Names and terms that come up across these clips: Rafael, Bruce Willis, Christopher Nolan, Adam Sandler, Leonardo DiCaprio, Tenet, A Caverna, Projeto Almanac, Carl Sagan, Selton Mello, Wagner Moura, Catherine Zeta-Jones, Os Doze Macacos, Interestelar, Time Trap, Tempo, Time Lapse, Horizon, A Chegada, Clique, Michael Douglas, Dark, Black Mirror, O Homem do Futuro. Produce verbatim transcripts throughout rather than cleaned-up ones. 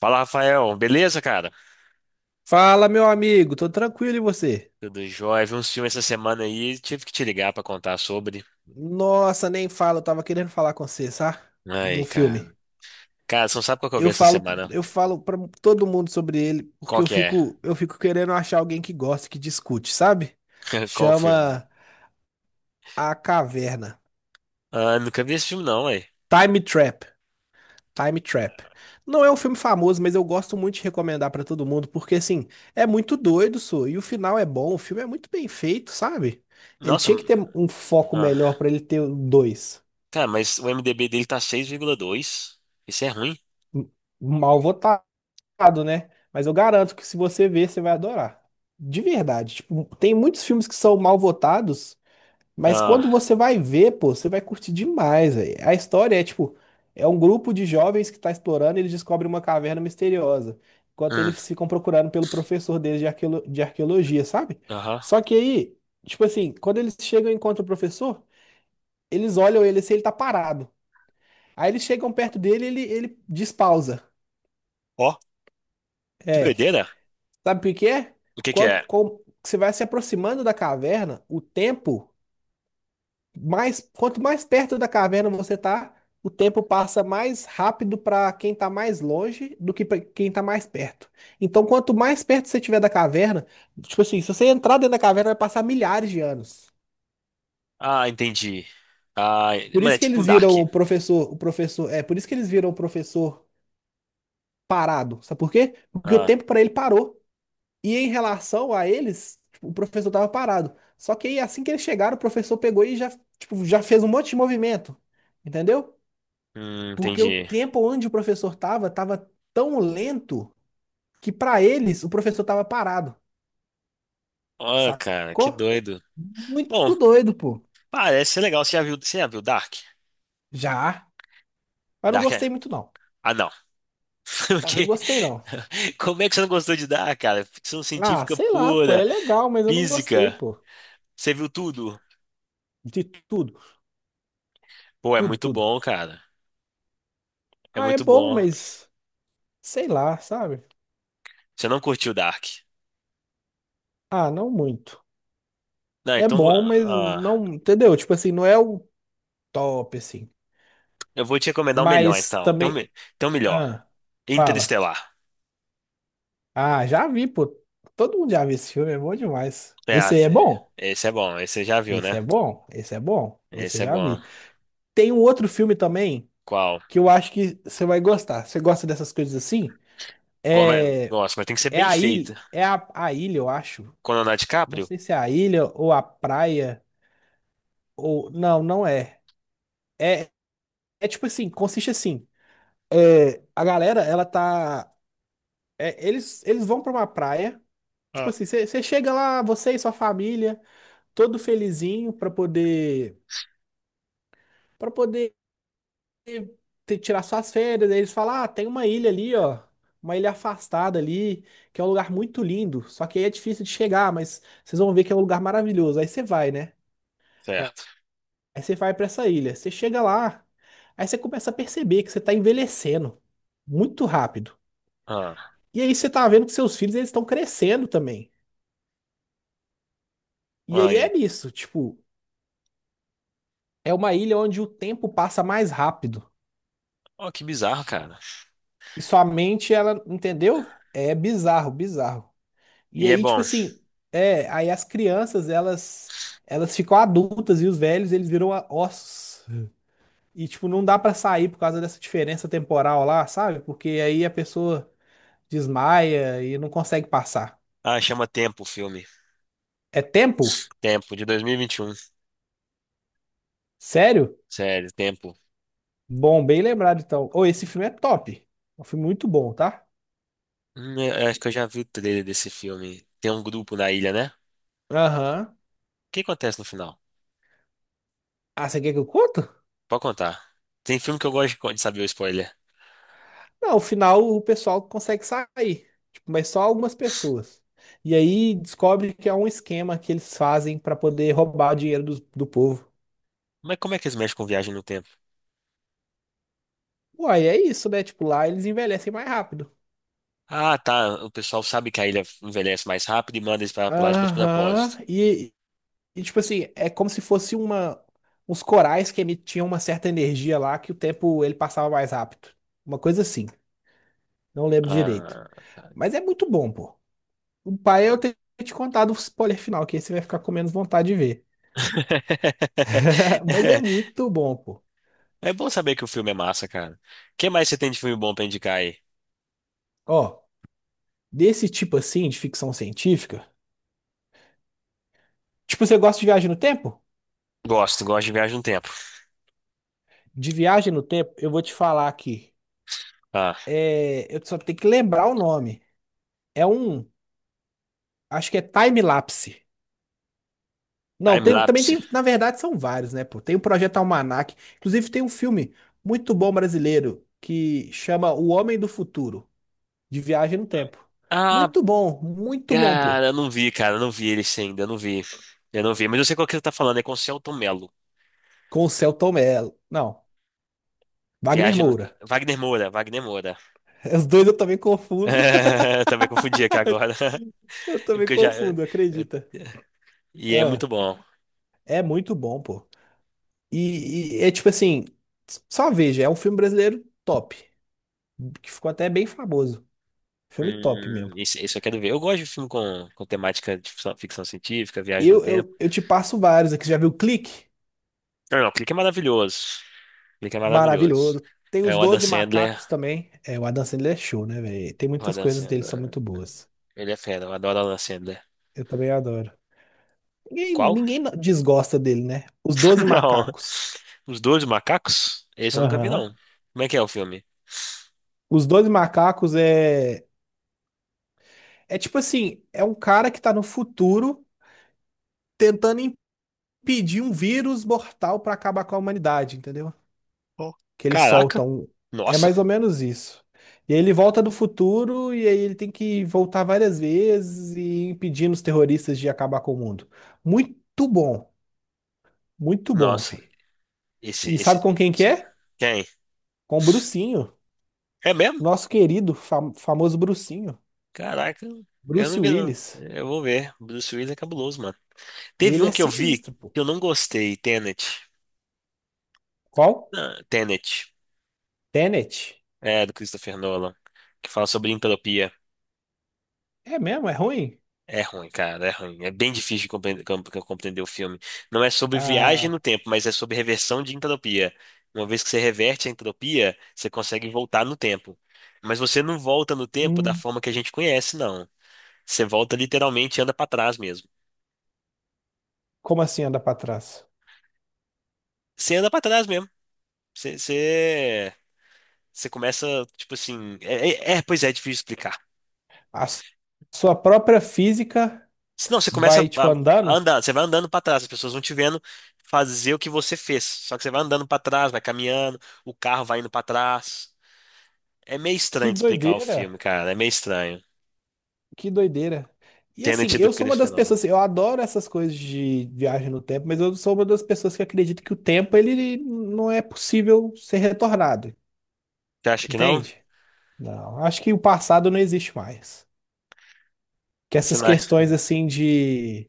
Fala, Rafael. Beleza, cara? Fala, meu amigo, tô tranquilo e você? Tudo jóia. Vi uns filmes essa semana aí, tive que te ligar pra contar sobre. Nossa, nem falo, eu tava querendo falar com você, sabe? De Ai, um cara. filme. Cara, você não sabe qual que eu vi Eu essa falo, semana? eu falo para todo mundo sobre ele porque Qual eu que é? fico, eu fico querendo achar alguém que goste, que discute, sabe? Qual o filme? Chama A Caverna. Ah, nunca vi esse filme não, ué. Time Trap. Time Trap. Não é um filme famoso, mas eu gosto muito de recomendar pra todo mundo porque assim, é muito doido, sou, e o final é bom, o filme é muito bem feito, sabe? Ele Nossa, tinha que ter um foco melhor ah. pra ele ter dois. Cara, mas o IMDb dele tá seis vírgula dois. Isso é ruim. Mal votado, né? Mas eu garanto que se você ver, você vai adorar. De verdade. Tipo, tem muitos filmes que são mal votados, mas Ah. quando você vai ver, pô, você vai curtir demais, velho. A história é tipo, é um grupo de jovens que tá explorando e eles descobrem uma caverna misteriosa. Enquanto Hum, eles ficam procurando pelo professor deles de arqueolo- de arqueologia, sabe? aham. Só que aí, tipo assim, quando eles chegam e encontram o professor, eles olham ele se ele tá parado. Aí eles chegam perto dele, e ele, ele despausa. Ó, que É. doideira. Sabe por quê? O que que é? Quanto, com- você vai se aproximando da caverna, o tempo, mais, quanto mais perto da caverna você tá, o tempo passa mais rápido para quem tá mais longe do que para quem tá mais perto. Então, quanto mais perto você tiver da caverna, tipo assim, se você entrar dentro da caverna, vai passar milhares de anos. Ah, entendi. Ah, Por mano, é isso que tipo um eles Dark. viram o professor, o professor, é, por isso que eles viram o professor parado. Sabe por quê? Porque o Ah, tempo para ele parou. E em relação a eles, tipo, o professor estava parado. Só que aí, assim que eles chegaram, o professor pegou e já, tipo, já fez um monte de movimento. Entendeu? hum, Porque o entendi. tempo onde o professor estava, estava tão lento que para eles o professor estava parado. Ó, cara, que Sacou? doido. Bom, Muito doido, pô. parece ser legal. Você já viu, você já viu Dark? Já. Mas não Dark. é... gostei muito, não. Ah, não. Ah, não Porque... gostei, não. Como é que você não gostou de Dark, cara? Ficção Ah, científica sei lá, pô. pura, É legal, mas eu não gostei, física. pô. Você viu tudo? De tudo, Pô, é tudo, muito tudo. bom, cara. É Ah, é muito bom, bom. mas sei lá, sabe? Você não curtiu Dark? Ah, não muito. Não, É então vou- bom, mas ah, não, entendeu? Tipo assim, não é o top, assim. eu vou te recomendar o melhor, Mas então. Tem um, também. Me- tem um melhor. Ah, fala. Interestelar. Ah, já vi, pô. Todo mundo já viu esse filme, é bom demais. É, Esse aí é assim, bom. esse é bom. Esse você já viu, Esse né? é bom. Esse é bom. Esse eu Esse é já bom. vi. Tem um outro filme também Qual? que eu acho que você vai gostar. Você gosta dessas coisas assim? Como é- É, Nossa, mas tem que ser é bem a ilha. feito. É a, a ilha, eu acho. Com Leonardo Não DiCaprio? sei se é a ilha ou a praia. Ou. Não, não é. É, é tipo assim, consiste assim. É, a galera, ela tá. É, eles, eles vão pra uma praia. Tipo Ah, assim, você chega lá, você e sua família, todo felizinho pra poder para poder te- tirar suas férias. Aí eles falam: "Ah, tem uma ilha ali, ó, uma ilha afastada ali, que é um lugar muito lindo, só que aí é difícil de chegar, mas vocês vão ver que é um lugar maravilhoso". Aí você vai, né? certo. Aí você vai pra essa ilha. Você chega lá, aí você começa a perceber que você tá envelhecendo muito rápido. Ah, E aí você tá vendo que seus filhos eles estão crescendo também. E aí olha. é nisso, tipo, é uma ilha onde o tempo passa mais rápido. Oh, que bizarro, cara. E sua mente, ela, entendeu? É bizarro, bizarro. E E é aí, tipo bom. assim, é, aí as crianças, elas elas ficam adultas e os velhos, eles viram a- ossos. E tipo, não dá pra sair por causa dessa diferença temporal lá, sabe? Porque aí a pessoa desmaia e não consegue passar. Ah, chama Tempo o filme. É tempo? Tempo, de dois mil e vinte e um. Sério? Sério, Tempo. Bom, bem lembrado então. Ô, esse filme é top. É um filme muito bom, tá? Hum, eu acho que eu já vi o trailer desse filme. Tem um grupo na ilha, né? O Aham. que acontece no final? Ah, você quer que eu conto? Pode contar. Tem filme que eu gosto de co- de saber o spoiler. Não, ao final o pessoal consegue sair, tipo, mas só algumas pessoas. E aí descobre que é um esquema que eles fazem para poder roubar o dinheiro do, do povo. Mas como é que eles mexem com viagem no tempo? Uai, é isso, né? Tipo, lá eles envelhecem mais rápido. Ah, tá. O pessoal sabe que a ilha envelhece mais rápido e manda eles pra pra lá de Aham. propósito. E, e, tipo assim, é como se fosse uma uns corais que emitiam uma certa energia lá que o tempo ele passava mais rápido. Uma coisa assim. Não lembro direito. Ah, tá. Mas é muito bom, pô. O pai eu tenho que te contado o spoiler final, que aí você vai ficar com menos vontade de ver. Mas é muito bom, pô. É bom saber que o filme é massa, cara. O que mais você tem de filme bom pra indicar aí? Ó, desse tipo assim de ficção científica. Tipo, você gosta de viagem no tempo? Gosto, gosto de viagem no tempo. De viagem no tempo, eu vou te falar aqui. Ah, É, eu só tenho que lembrar o nome. É um, acho que é Time Lapse. Não, tem- também time-lapse. tem, na verdade são vários, né, pô? Tem o Projeto Almanac, inclusive tem um filme muito bom brasileiro que chama O Homem do Futuro, de viagem no tempo. Ah, Muito bom, muito bom, cara, pô. eu não vi, cara, eu não vi ele ainda, eu não vi. Eu não vi, mas eu sei qual que você tá falando, é com o Celton Mello. Com o Selton Mello. Não, Wagner Viagem no... Moura. Wagner Moura, Wagner Moura. Os dois eu também confundo. Eu também confundi aqui agora. Eu também Porque eu já. Eu- confundo, acredita? E é Ah, muito bom. é muito bom, pô. E, e é tipo assim, s- só veja, é um filme brasileiro top, que ficou até bem famoso. Filme top mesmo. Hum, isso, isso eu quero ver. Eu gosto de filme com, com temática de ficção, ficção científica, viagem no Eu, tempo. eu, eu te passo vários aqui. Você já viu Clique? Não, não, Clique é maravilhoso. Clique é maravilhoso. Maravilhoso. Tem É os o Adam Doze Sandler. Macacos também. É, o Adam Sandler é show, né, velho? Tem O muitas Adam coisas dele que são Sandler. muito boas. Ele é fera, eu adoro o Adam Sandler. Eu também adoro. Ninguém, Qual? ninguém desgosta dele, né? Os Doze Não. Macacos. Os dois macacos? Esse eu nunca vi, não. Aham. Como é que é o filme? Os Doze Macacos é. É tipo assim, é um cara que tá no futuro tentando impedir um vírus mortal pra acabar com a humanidade, entendeu? Oh. Que eles Caraca. soltam. Um, é Nossa. mais ou menos isso. E aí ele volta do futuro e aí ele tem que voltar várias vezes e impedindo os terroristas de acabar com o mundo. Muito bom, muito bom, Nossa. filho. Esse, E esse. sabe com quem que esse- é? Quem? Com o Brucinho, É mesmo? nosso querido, fam- famoso Brucinho, Caraca. Eu Bruce não vi, não. Willis. Eu vou ver. Bruce Willis é cabuloso, mano. Teve Ele é um que eu vi sinistro, pô. que eu não gostei. Tenet. Qual? Ah, Tenet. Tenet. É, do Christopher Nolan. Que fala sobre entropia. É mesmo, é ruim? É ruim, cara, é ruim. É bem difícil de compre- com- com- compreender o filme. Não é sobre viagem Ah, no tempo, mas é sobre reversão de entropia. Uma vez que você reverte a entropia, você consegue voltar no tempo. Mas você não volta no tempo da hum, forma que a gente conhece, não. Você volta literalmente e anda pra trás mesmo. como assim andar para trás? Você anda pra trás mesmo. Você, você, você começa, tipo assim. É, é- é, pois é, é difícil explicar. A s- Sua própria física Senão você começa vai, tipo, a a andando? andar, você vai andando para trás, as pessoas vão te vendo fazer o que você fez. Só que você vai andando para trás, vai caminhando, o carro vai indo para trás. É meio Que estranho de explicar o filme, doideira! cara. É meio estranho. Que doideira! E assim, Tenet do eu sou uma Christopher das Nolan. pessoas, assim, eu adoro essas coisas de viagem no tempo, mas eu sou uma das pessoas que acredita que o tempo ele não é possível ser retornado, Você acha que não? entende? Não, acho que o passado não existe mais. Que Você essas não acha? questões É. assim de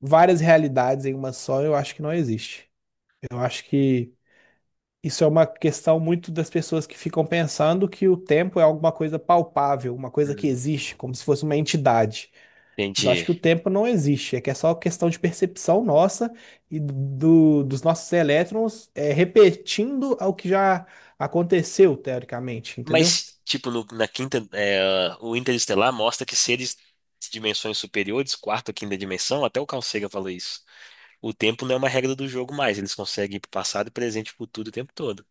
várias realidades em uma só, eu acho que não existe. Eu acho que isso é uma questão muito das pessoas que ficam pensando que o tempo é alguma coisa palpável, uma coisa que Hum, existe, como se fosse uma entidade. Mas eu acho entendi. que o tempo não existe, é que é só questão de percepção nossa e do, dos nossos elétrons é, repetindo o que já aconteceu, teoricamente, entendeu? Mas, tipo, no- na quinta, é, o Interestelar mostra que seres de dimensões superiores, quarta ou quinta dimensão, até o Carl Sagan falou isso. O tempo não é uma regra do jogo mais. Eles conseguem ir pro passado, presente e futuro o tempo todo.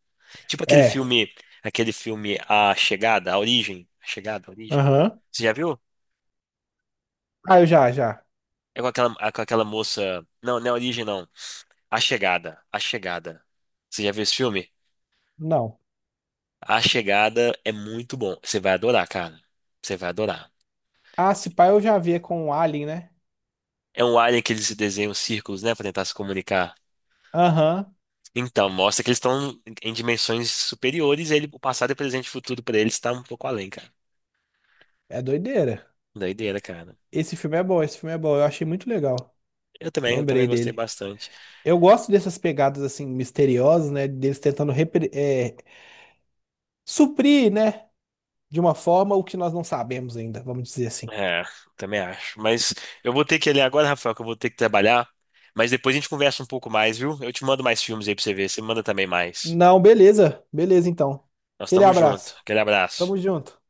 Tipo aquele É. filme, aquele filme A Chegada, A Origem, A Chegada, A Origem. Aham. Você já viu? Ah, eu já, já. É com aquela, é com aquela moça. Não, não é A Origem, não. A Chegada, A Chegada. Você já viu esse filme? Não. A Chegada é muito bom. Você vai adorar, cara. Você vai adorar. Ah, se pá, eu já vi com o Alien, né? É um alien que eles desenham círculos, né, pra tentar se comunicar. Aham. Então, mostra que eles estão em dimensões superiores, e ele, o passado e o presente e o futuro pra eles tá um pouco além, cara. É doideira. Doideira, cara. Esse filme é bom, esse filme é bom. Eu achei muito legal. Eu também, eu Lembrei também gostei dele. bastante. Eu gosto dessas pegadas assim misteriosas, né? Deles tentando repre- é, suprir, né? De uma forma o que nós não sabemos ainda, vamos dizer assim. É, também acho. Mas eu vou ter que ir ali agora, Rafael, que eu vou ter que trabalhar. Mas depois a gente conversa um pouco mais, viu? Eu te mando mais filmes aí pra você ver. Você manda também mais. Não, beleza, beleza então. Nós Aquele estamos juntos. abraço. Aquele abraço. Tamo junto.